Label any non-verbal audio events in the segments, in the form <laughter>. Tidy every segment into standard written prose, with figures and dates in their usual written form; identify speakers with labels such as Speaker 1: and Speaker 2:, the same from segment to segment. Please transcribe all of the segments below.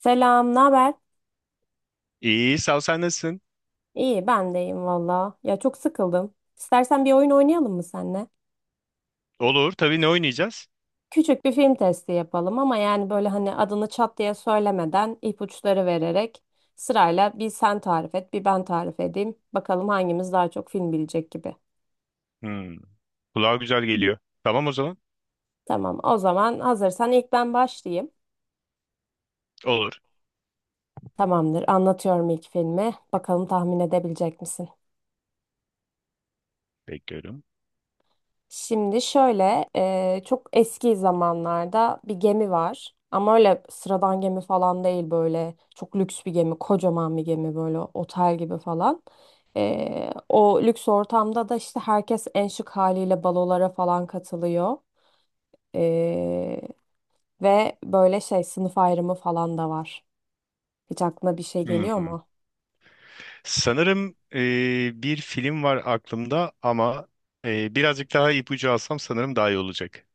Speaker 1: Selam, ne haber?
Speaker 2: İyi, sağ ol, sen nasılsın?
Speaker 1: İyi, ben de iyiyim valla. Ya çok sıkıldım. İstersen bir oyun oynayalım mı seninle?
Speaker 2: Olur, tabii ne oynayacağız?
Speaker 1: Küçük bir film testi yapalım ama yani böyle hani adını çat diye söylemeden ipuçları vererek sırayla bir sen tarif et, bir ben tarif edeyim. Bakalım hangimiz daha çok film bilecek gibi.
Speaker 2: Hmm, kulağa güzel geliyor. Tamam o zaman.
Speaker 1: Tamam, o zaman hazırsan ilk ben başlayayım.
Speaker 2: Olur.
Speaker 1: Tamamdır, anlatıyorum ilk filmi. Bakalım tahmin edebilecek misin?
Speaker 2: Bekliyorum.
Speaker 1: Şimdi şöyle çok eski zamanlarda bir gemi var. Ama öyle sıradan gemi falan değil, böyle çok lüks bir gemi, kocaman bir gemi böyle otel gibi falan. O lüks ortamda da işte herkes en şık haliyle balolara falan katılıyor. E, Ve böyle şey, sınıf ayrımı falan da var. Hiç aklına bir şey geliyor
Speaker 2: Hmm.
Speaker 1: mu?
Speaker 2: Sanırım bir film var aklımda ama birazcık daha ipucu alsam sanırım daha iyi olacak.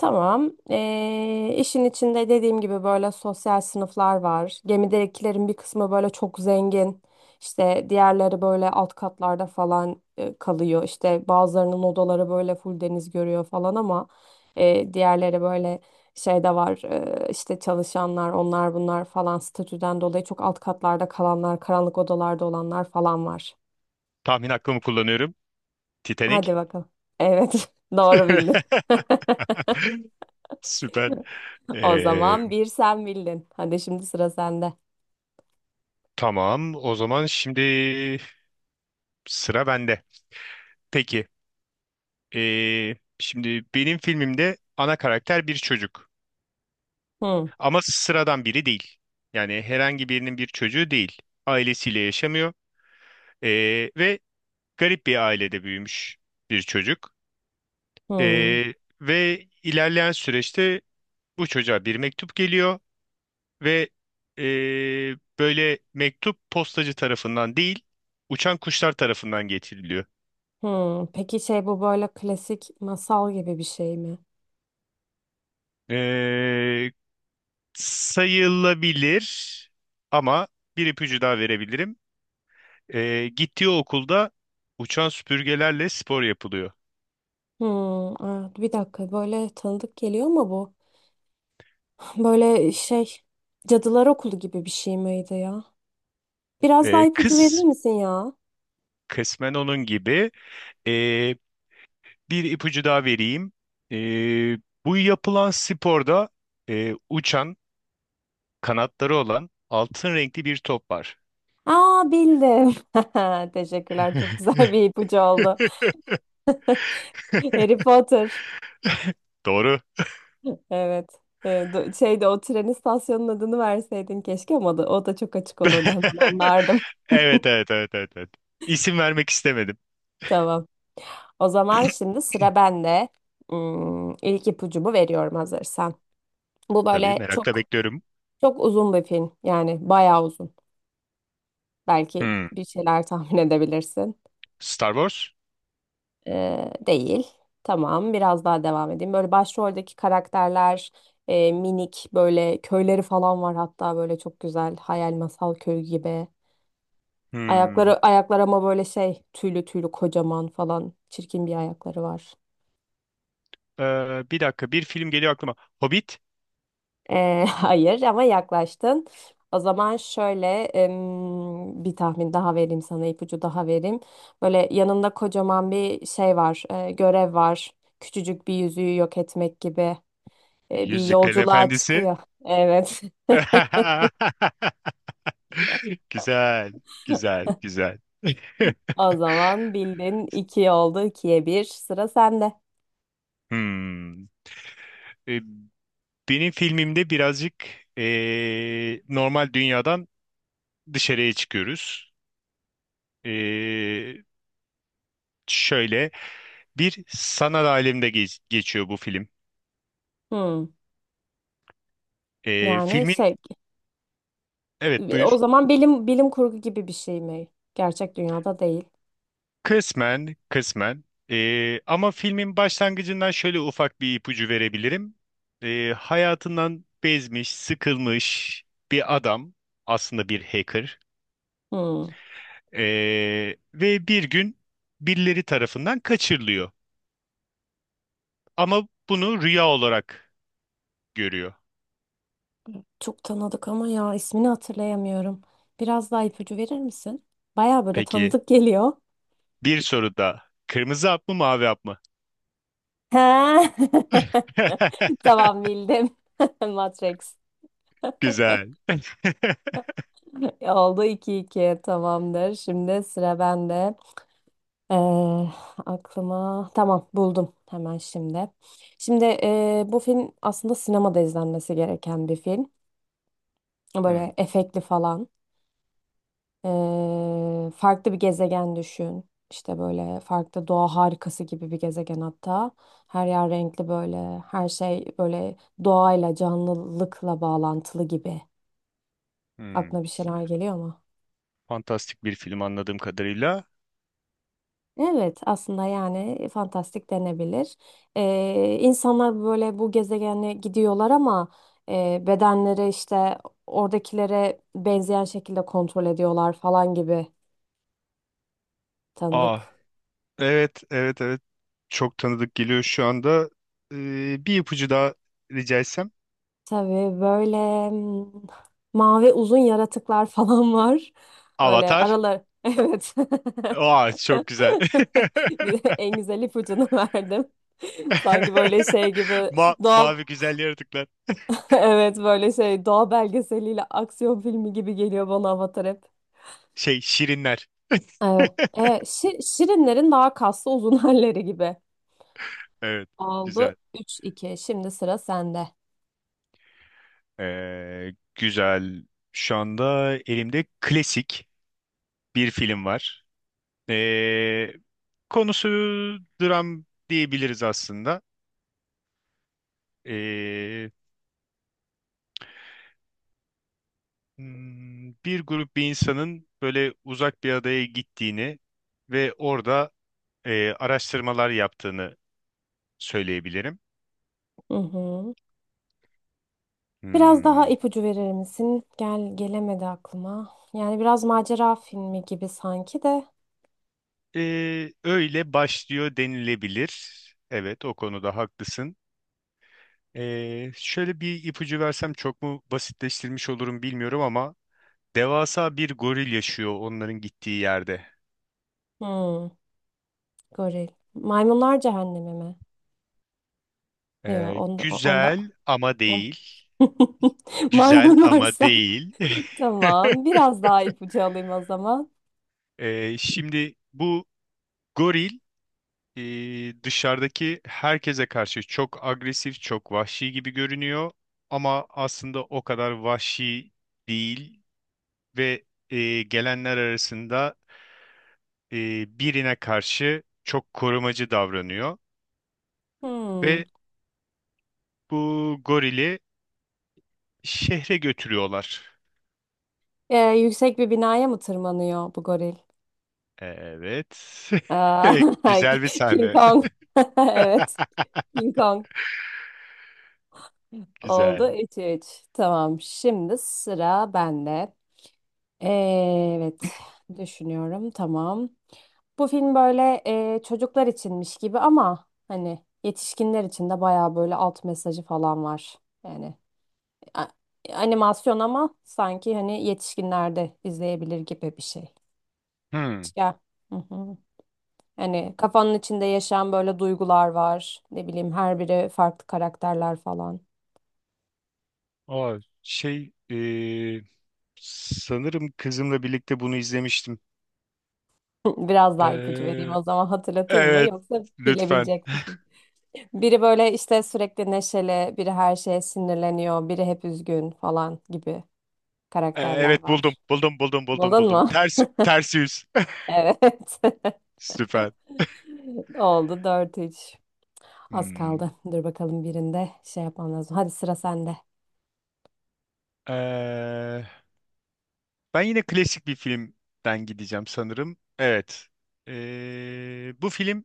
Speaker 1: Tamam. İşin içinde dediğim gibi böyle sosyal sınıflar var. Gemidekilerin bir kısmı böyle çok zengin. İşte diğerleri böyle alt katlarda falan kalıyor. İşte bazılarının odaları böyle full deniz görüyor falan ama diğerleri böyle şey de var. İşte çalışanlar, onlar bunlar falan statüden dolayı çok alt katlarda kalanlar, karanlık odalarda olanlar falan var.
Speaker 2: Tahmin hakkımı kullanıyorum. Titanic.
Speaker 1: Hadi bakalım. Evet, <laughs> doğru bildin.
Speaker 2: <laughs>
Speaker 1: <laughs>
Speaker 2: Süper.
Speaker 1: O
Speaker 2: E,
Speaker 1: zaman bir sen bildin. Hadi şimdi sıra sende.
Speaker 2: tamam, o zaman şimdi sıra bende. Peki, şimdi benim filmimde ana karakter bir çocuk.
Speaker 1: Hı
Speaker 2: Ama sıradan biri değil. Yani herhangi birinin bir çocuğu değil. Ailesiyle yaşamıyor. Ee, Ve garip bir ailede büyümüş bir çocuk.
Speaker 1: hı
Speaker 2: Ee, Ve ilerleyen süreçte bu çocuğa bir mektup geliyor ve böyle mektup postacı tarafından değil, uçan kuşlar tarafından getiriliyor.
Speaker 1: hı. Peki şey, bu böyle klasik masal gibi bir şey mi?
Speaker 2: Ee, Sayılabilir ama bir ipucu daha verebilirim. Gittiği okulda uçan süpürgelerle spor yapılıyor.
Speaker 1: Hı, aa, bir dakika böyle tanıdık geliyor mu bu? <laughs> Böyle şey, Cadılar Okulu gibi bir şey miydi ya? Biraz daha
Speaker 2: E,
Speaker 1: ipucu verir
Speaker 2: kıs,
Speaker 1: misin ya?
Speaker 2: Kısmen onun gibi. E, Bir ipucu daha vereyim. E, Bu yapılan sporda uçan, kanatları olan altın renkli bir top var.
Speaker 1: Aa, bildim. <laughs> Teşekkürler, çok güzel bir ipucu oldu.
Speaker 2: <laughs>
Speaker 1: Harry Potter.
Speaker 2: Doğru.
Speaker 1: Evet. Şeyde o tren istasyonunun adını verseydin keşke ama da, o da çok açık olurdu, hemen
Speaker 2: <laughs>
Speaker 1: anlardım.
Speaker 2: Evet, evet, evet, evet, evet. İsim vermek istemedim.
Speaker 1: Tamam. O zaman şimdi sıra bende. Hmm, ilk ipucumu veriyorum hazırsan. Bu
Speaker 2: Tabii
Speaker 1: böyle
Speaker 2: merakla
Speaker 1: çok
Speaker 2: bekliyorum.
Speaker 1: çok uzun bir film. Yani bayağı uzun. Belki
Speaker 2: Hmm.
Speaker 1: bir şeyler <laughs> tahmin edebilirsin.
Speaker 2: Star Wars?
Speaker 1: Değil. Tamam. Biraz daha devam edeyim. Böyle başroldeki karakterler minik böyle köyleri falan var, hatta böyle çok güzel hayal masal köy gibi.
Speaker 2: Hmm.
Speaker 1: Ayaklar ama böyle şey tüylü tüylü kocaman falan çirkin bir ayakları var.
Speaker 2: Bir dakika bir film geliyor aklıma. Hobbit?
Speaker 1: <laughs> Hayır ama yaklaştın. O zaman şöyle bir tahmin daha vereyim sana, ipucu daha vereyim. Böyle yanında kocaman bir şey var, görev var. Küçücük bir yüzüğü yok etmek gibi bir
Speaker 2: Yüzüklerin
Speaker 1: yolculuğa
Speaker 2: Efendisi?
Speaker 1: çıkıyor. Evet. <laughs>
Speaker 2: <laughs> <laughs> Güzel, güzel, güzel. <laughs>
Speaker 1: O zaman bildin, iki oldu, ikiye bir. Sıra sende.
Speaker 2: Hmm. E, Benim filmimde birazcık normal dünyadan dışarıya çıkıyoruz. E, Şöyle bir sanat aleminde geçiyor bu film.
Speaker 1: Hmm.
Speaker 2: E,
Speaker 1: Yani
Speaker 2: filmin
Speaker 1: şey,
Speaker 2: Evet
Speaker 1: o
Speaker 2: buyur.
Speaker 1: zaman bilim kurgu gibi bir şey mi? Gerçek dünyada değil.
Speaker 2: Kısmen, kısmen. Ama filmin başlangıcından şöyle ufak bir ipucu verebilirim. Hayatından bezmiş, sıkılmış bir adam, aslında bir hacker.
Speaker 1: Hmm.
Speaker 2: Ve bir gün birileri tarafından kaçırılıyor. Ama bunu rüya olarak görüyor.
Speaker 1: Çok tanıdık ama ya, ismini hatırlayamıyorum. Biraz daha ipucu verir misin? Baya böyle
Speaker 2: Peki
Speaker 1: tanıdık geliyor.
Speaker 2: bir soru da kırmızı hap mı mavi hap mı?
Speaker 1: He. <laughs>
Speaker 2: <laughs>
Speaker 1: Tamam, bildim. <laughs> Matrix.
Speaker 2: Güzel. <laughs>
Speaker 1: Oldu iki iki, tamamdır. Şimdi sıra bende. Ee, Aklıma, tamam, buldum hemen şimdi. Şimdi bu film aslında sinemada izlenmesi gereken bir film.
Speaker 2: Hmm,
Speaker 1: Böyle efektli falan. Farklı bir gezegen düşün. İşte böyle farklı doğa harikası gibi bir gezegen hatta. Her yer renkli böyle. Her şey böyle doğayla, canlılıkla bağlantılı gibi.
Speaker 2: hmm.
Speaker 1: Aklına bir şeyler geliyor mu?
Speaker 2: Fantastik bir film anladığım kadarıyla.
Speaker 1: Evet, aslında yani fantastik denebilir. İnsanlar böyle bu gezegene gidiyorlar ama bedenleri işte oradakilere benzeyen şekilde kontrol ediyorlar falan gibi
Speaker 2: Aa,
Speaker 1: tanıdık.
Speaker 2: evet, evet, evet. Çok tanıdık geliyor şu anda. Bir ipucu daha rica etsem.
Speaker 1: Tabii böyle mm, mavi uzun yaratıklar falan <laughs> var. Böyle
Speaker 2: Avatar.
Speaker 1: aralar. <laughs> Evet. <laughs>
Speaker 2: Aa, çok güzel.
Speaker 1: En güzel ipucunu verdim. <laughs> Sanki böyle şey
Speaker 2: <laughs>
Speaker 1: gibi doğa
Speaker 2: Mavi
Speaker 1: <laughs>
Speaker 2: güzel yaratıklar.
Speaker 1: evet böyle şey, doğa belgeseliyle aksiyon filmi gibi geliyor bana Avatar hep.
Speaker 2: Şey şirinler.
Speaker 1: Evet.
Speaker 2: <laughs>
Speaker 1: Şi- şirinlerin daha kaslı uzun <laughs> halleri gibi.
Speaker 2: Evet,
Speaker 1: Oldu
Speaker 2: güzel.
Speaker 1: 3-2. Şimdi sıra sende.
Speaker 2: Ee, güzel. Şu anda elimde klasik bir film var. Ee, Konusu dram diyebiliriz aslında. Ee, Bir grup bir insanın böyle uzak bir adaya gittiğini ve orada araştırmalar yaptığını söyleyebilirim.
Speaker 1: Hı hı. Biraz daha
Speaker 2: Hmm.
Speaker 1: ipucu verir misin? Gelemedi aklıma. Yani biraz macera filmi gibi sanki de.
Speaker 2: Öyle başlıyor denilebilir. Evet, o konuda haklısın. Şöyle bir ipucu versem çok mu basitleştirmiş olurum bilmiyorum ama devasa bir goril yaşıyor onların gittiği yerde.
Speaker 1: Hmm, goril. Maymunlar Cehennemi mi? Yok, onda
Speaker 2: Güzel ama
Speaker 1: on.
Speaker 2: değil.
Speaker 1: <laughs>
Speaker 2: Güzel
Speaker 1: Maymun
Speaker 2: ama
Speaker 1: varsa.
Speaker 2: değil.
Speaker 1: <laughs> Tamam.
Speaker 2: <laughs>
Speaker 1: Biraz daha ipucu alayım o zaman.
Speaker 2: Şimdi bu goril dışarıdaki herkese karşı çok agresif, çok vahşi gibi görünüyor ama aslında o kadar vahşi değil ve gelenler arasında birine karşı çok korumacı davranıyor
Speaker 1: Hmm.
Speaker 2: ve bu gorili şehre götürüyorlar.
Speaker 1: Yüksek bir binaya mı tırmanıyor bu goril?
Speaker 2: Evet.
Speaker 1: Aa,
Speaker 2: <laughs> Güzel bir
Speaker 1: <laughs> King
Speaker 2: sahne.
Speaker 1: Kong. <laughs>
Speaker 2: <laughs>
Speaker 1: Evet. King Kong
Speaker 2: Güzel.
Speaker 1: oldu. 3-3. Tamam. Şimdi sıra bende. Evet. Düşünüyorum. Tamam. Bu film böyle çocuklar içinmiş gibi ama hani yetişkinler için de bayağı böyle alt mesajı falan var. Yani a- animasyon ama sanki hani yetişkinler de izleyebilir gibi bir şey.
Speaker 2: Hmm.
Speaker 1: Ya. Hı hı. Hani kafanın içinde yaşayan böyle duygular var. Ne bileyim, her biri farklı karakterler falan.
Speaker 2: Aa, sanırım kızımla birlikte bunu izlemiştim.
Speaker 1: <laughs> Biraz daha ipucu vereyim
Speaker 2: Ee,
Speaker 1: o zaman, hatırlatayım mı
Speaker 2: evet
Speaker 1: yoksa
Speaker 2: lütfen.
Speaker 1: bilebilecek misin? Biri böyle işte sürekli neşeli, biri her şeye sinirleniyor, biri hep üzgün falan gibi
Speaker 2: Ee,
Speaker 1: karakterler
Speaker 2: evet buldum
Speaker 1: var.
Speaker 2: buldum buldum buldum
Speaker 1: Buldun
Speaker 2: buldum.
Speaker 1: mu? <laughs>
Speaker 2: Ters ters yüz.
Speaker 1: Evet.
Speaker 2: <laughs> Süper.
Speaker 1: <laughs> Oldu dört üç. Az
Speaker 2: Hmm.
Speaker 1: kaldı. Dur bakalım, birinde şey yapmam lazım. Hadi sıra sende.
Speaker 2: Ee, Ben yine klasik bir filmden gideceğim sanırım. Evet. Bu film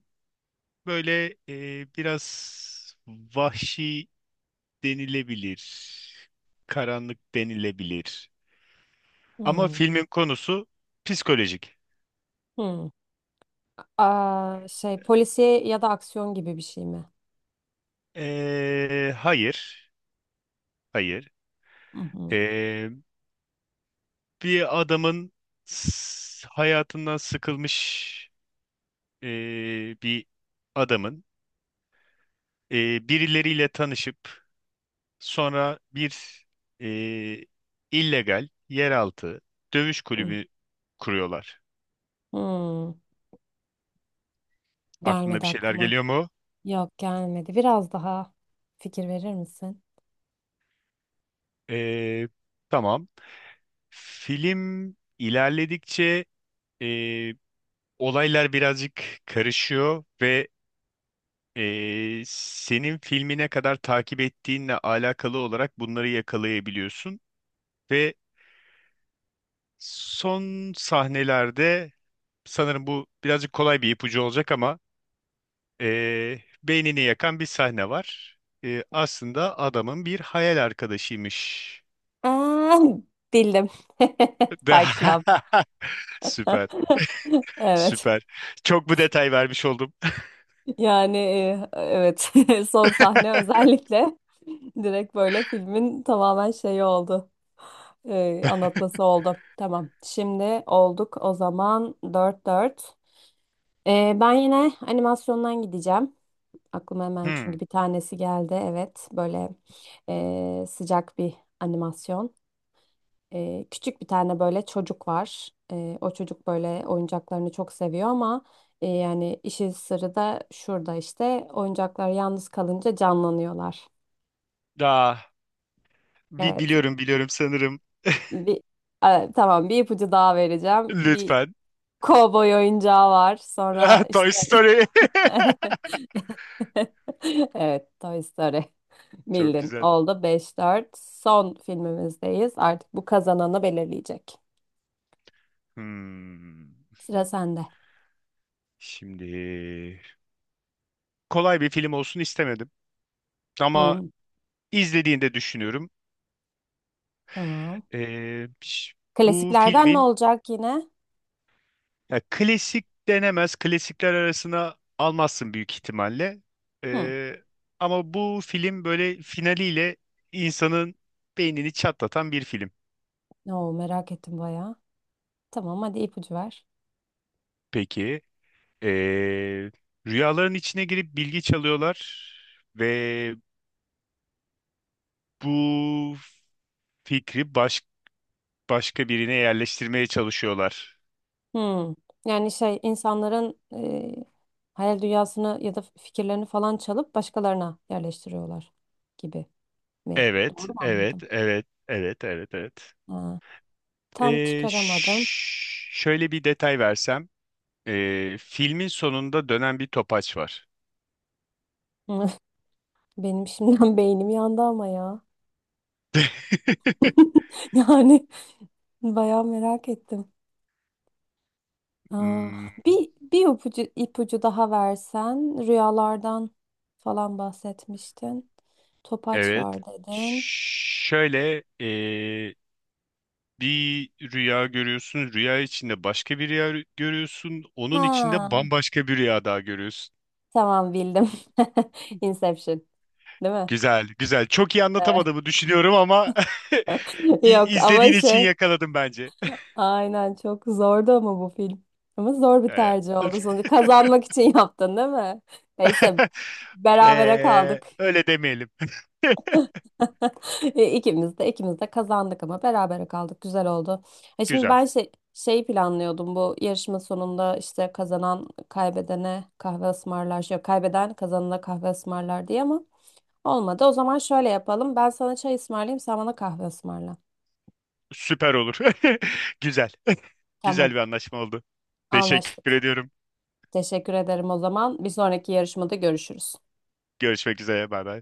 Speaker 2: böyle biraz vahşi denilebilir, karanlık denilebilir. Ama
Speaker 1: Hmm,
Speaker 2: filmin konusu psikolojik.
Speaker 1: hmm. Aa, şey, polisiye ya da aksiyon gibi bir şey mi?
Speaker 2: Hayır, hayır.
Speaker 1: Hı hı,
Speaker 2: Ee, Bir adamın hayatından sıkılmış bir adamın, birileriyle tanışıp sonra bir e, illegal yeraltı dövüş
Speaker 1: hı.
Speaker 2: kulübü kuruyorlar.
Speaker 1: Hmm,
Speaker 2: Aklına
Speaker 1: gelmedi
Speaker 2: bir şeyler
Speaker 1: aklıma.
Speaker 2: geliyor mu?
Speaker 1: Yok, gelmedi. Biraz daha fikir verir misin?
Speaker 2: E, tamam. Film ilerledikçe e, olaylar birazcık karışıyor ve senin filmine kadar takip ettiğinle alakalı olarak bunları yakalayabiliyorsun ve son sahnelerde sanırım bu birazcık kolay bir ipucu olacak ama beynini yakan bir sahne var. Aslında adamın bir hayal arkadaşıymış.
Speaker 1: Aa, bildim. <laughs> Fight Club.
Speaker 2: <laughs> Süper,
Speaker 1: Evet.
Speaker 2: süper. Çok bu detay vermiş oldum.
Speaker 1: Yani evet. <laughs> Son sahne
Speaker 2: <laughs>
Speaker 1: özellikle <laughs> direkt böyle filmin tamamen şeyi oldu. Anlatması oldu. Tamam. Şimdi olduk o zaman, dört dört. Ben yine animasyondan gideceğim. Aklıma hemen
Speaker 2: Hmm.
Speaker 1: çünkü bir tanesi geldi. Evet, böyle sıcak bir animasyon. Küçük bir tane böyle çocuk var. O çocuk böyle oyuncaklarını çok seviyor ama yani işin sırrı da şurada, işte oyuncaklar yalnız kalınca canlanıyorlar.
Speaker 2: Daha
Speaker 1: Evet,
Speaker 2: biliyorum biliyorum sanırım.
Speaker 1: bir tamam, bir ipucu daha vereceğim. Bir
Speaker 2: Lütfen.
Speaker 1: kovboy oyuncağı var.
Speaker 2: <laughs> Ah,
Speaker 1: Sonra
Speaker 2: Toy
Speaker 1: işte
Speaker 2: Story.
Speaker 1: <laughs> <laughs> Evet, Toy Story. <laughs>
Speaker 2: <laughs> Çok
Speaker 1: Bildin.
Speaker 2: güzel.
Speaker 1: Oldu beş dört. Son filmimizdeyiz. Artık bu kazananı belirleyecek.
Speaker 2: Hmm.
Speaker 1: Sıra sende.
Speaker 2: Şimdi kolay bir film olsun istemedim. Ama
Speaker 1: Hı,
Speaker 2: izlediğinde düşünüyorum.
Speaker 1: tamam.
Speaker 2: Ş- bu
Speaker 1: Klasiklerden ne
Speaker 2: filmin
Speaker 1: olacak yine?
Speaker 2: Ya klasik denemez. Klasikler arasına almazsın büyük ihtimalle.
Speaker 1: Hı.
Speaker 2: Ee, Ama bu film böyle finaliyle insanın beynini çatlatan bir film.
Speaker 1: Oo, merak ettim bayağı. Tamam, hadi ipucu ver.
Speaker 2: Peki, ee, rüyaların içine girip bilgi çalıyorlar ve bu fikri başka birine yerleştirmeye çalışıyorlar.
Speaker 1: Hı. Yani şey, insanların hayal dünyasını ya da fikirlerini falan çalıp başkalarına yerleştiriyorlar gibi mi? Doğru
Speaker 2: Evet,
Speaker 1: mu anladım?
Speaker 2: evet, evet, evet, evet, evet.
Speaker 1: Ha. Tam çıkaramadım.
Speaker 2: Şöyle bir detay versem. Filmin sonunda dönen bir topaç var.
Speaker 1: <laughs> Benim şimdiden beynim yandı ama ya.
Speaker 2: <laughs>
Speaker 1: <laughs> Yani bayağı merak ettim. Aa,
Speaker 2: Hmm,
Speaker 1: bir ipucu daha versen, rüyalardan falan bahsetmiştin. Topaç
Speaker 2: evet.
Speaker 1: var dedin.
Speaker 2: Şöyle bir rüya görüyorsun. Rüya içinde başka bir rüya görüyorsun. Onun içinde
Speaker 1: Ha,
Speaker 2: bambaşka bir rüya daha görüyorsun.
Speaker 1: tamam, bildim. <laughs> Inception, değil mi?
Speaker 2: Güzel, güzel. Çok iyi anlatamadığımı düşünüyorum ama
Speaker 1: <laughs>
Speaker 2: <laughs>
Speaker 1: Yok ama
Speaker 2: izlediğin için
Speaker 1: şey,
Speaker 2: yakaladım bence.
Speaker 1: aynen çok zordu ama bu film. Ama zor
Speaker 2: <laughs>
Speaker 1: bir
Speaker 2: Ee,
Speaker 1: tercih oldu sonuçta. Kazanmak için yaptın değil mi? Neyse,
Speaker 2: <laughs>
Speaker 1: berabere kaldık.
Speaker 2: öyle demeyelim.
Speaker 1: <laughs> E, İkimiz de kazandık ama berabere kaldık. Güzel oldu. E
Speaker 2: <laughs>
Speaker 1: şimdi
Speaker 2: Güzel.
Speaker 1: ben şey planlıyordum, bu yarışma sonunda işte kazanan kaybedene kahve ısmarlar. Yok, kaybeden kazanana kahve ısmarlar diye ama olmadı. O zaman şöyle yapalım. Ben sana çay ısmarlayayım, sen bana kahve ısmarla.
Speaker 2: Süper olur. <laughs> Güzel. <laughs> Güzel
Speaker 1: Tamam,
Speaker 2: bir anlaşma oldu. Teşekkür
Speaker 1: anlaştık.
Speaker 2: ediyorum.
Speaker 1: Teşekkür ederim o zaman. Bir sonraki yarışmada görüşürüz.
Speaker 2: Görüşmek üzere. Bay bay.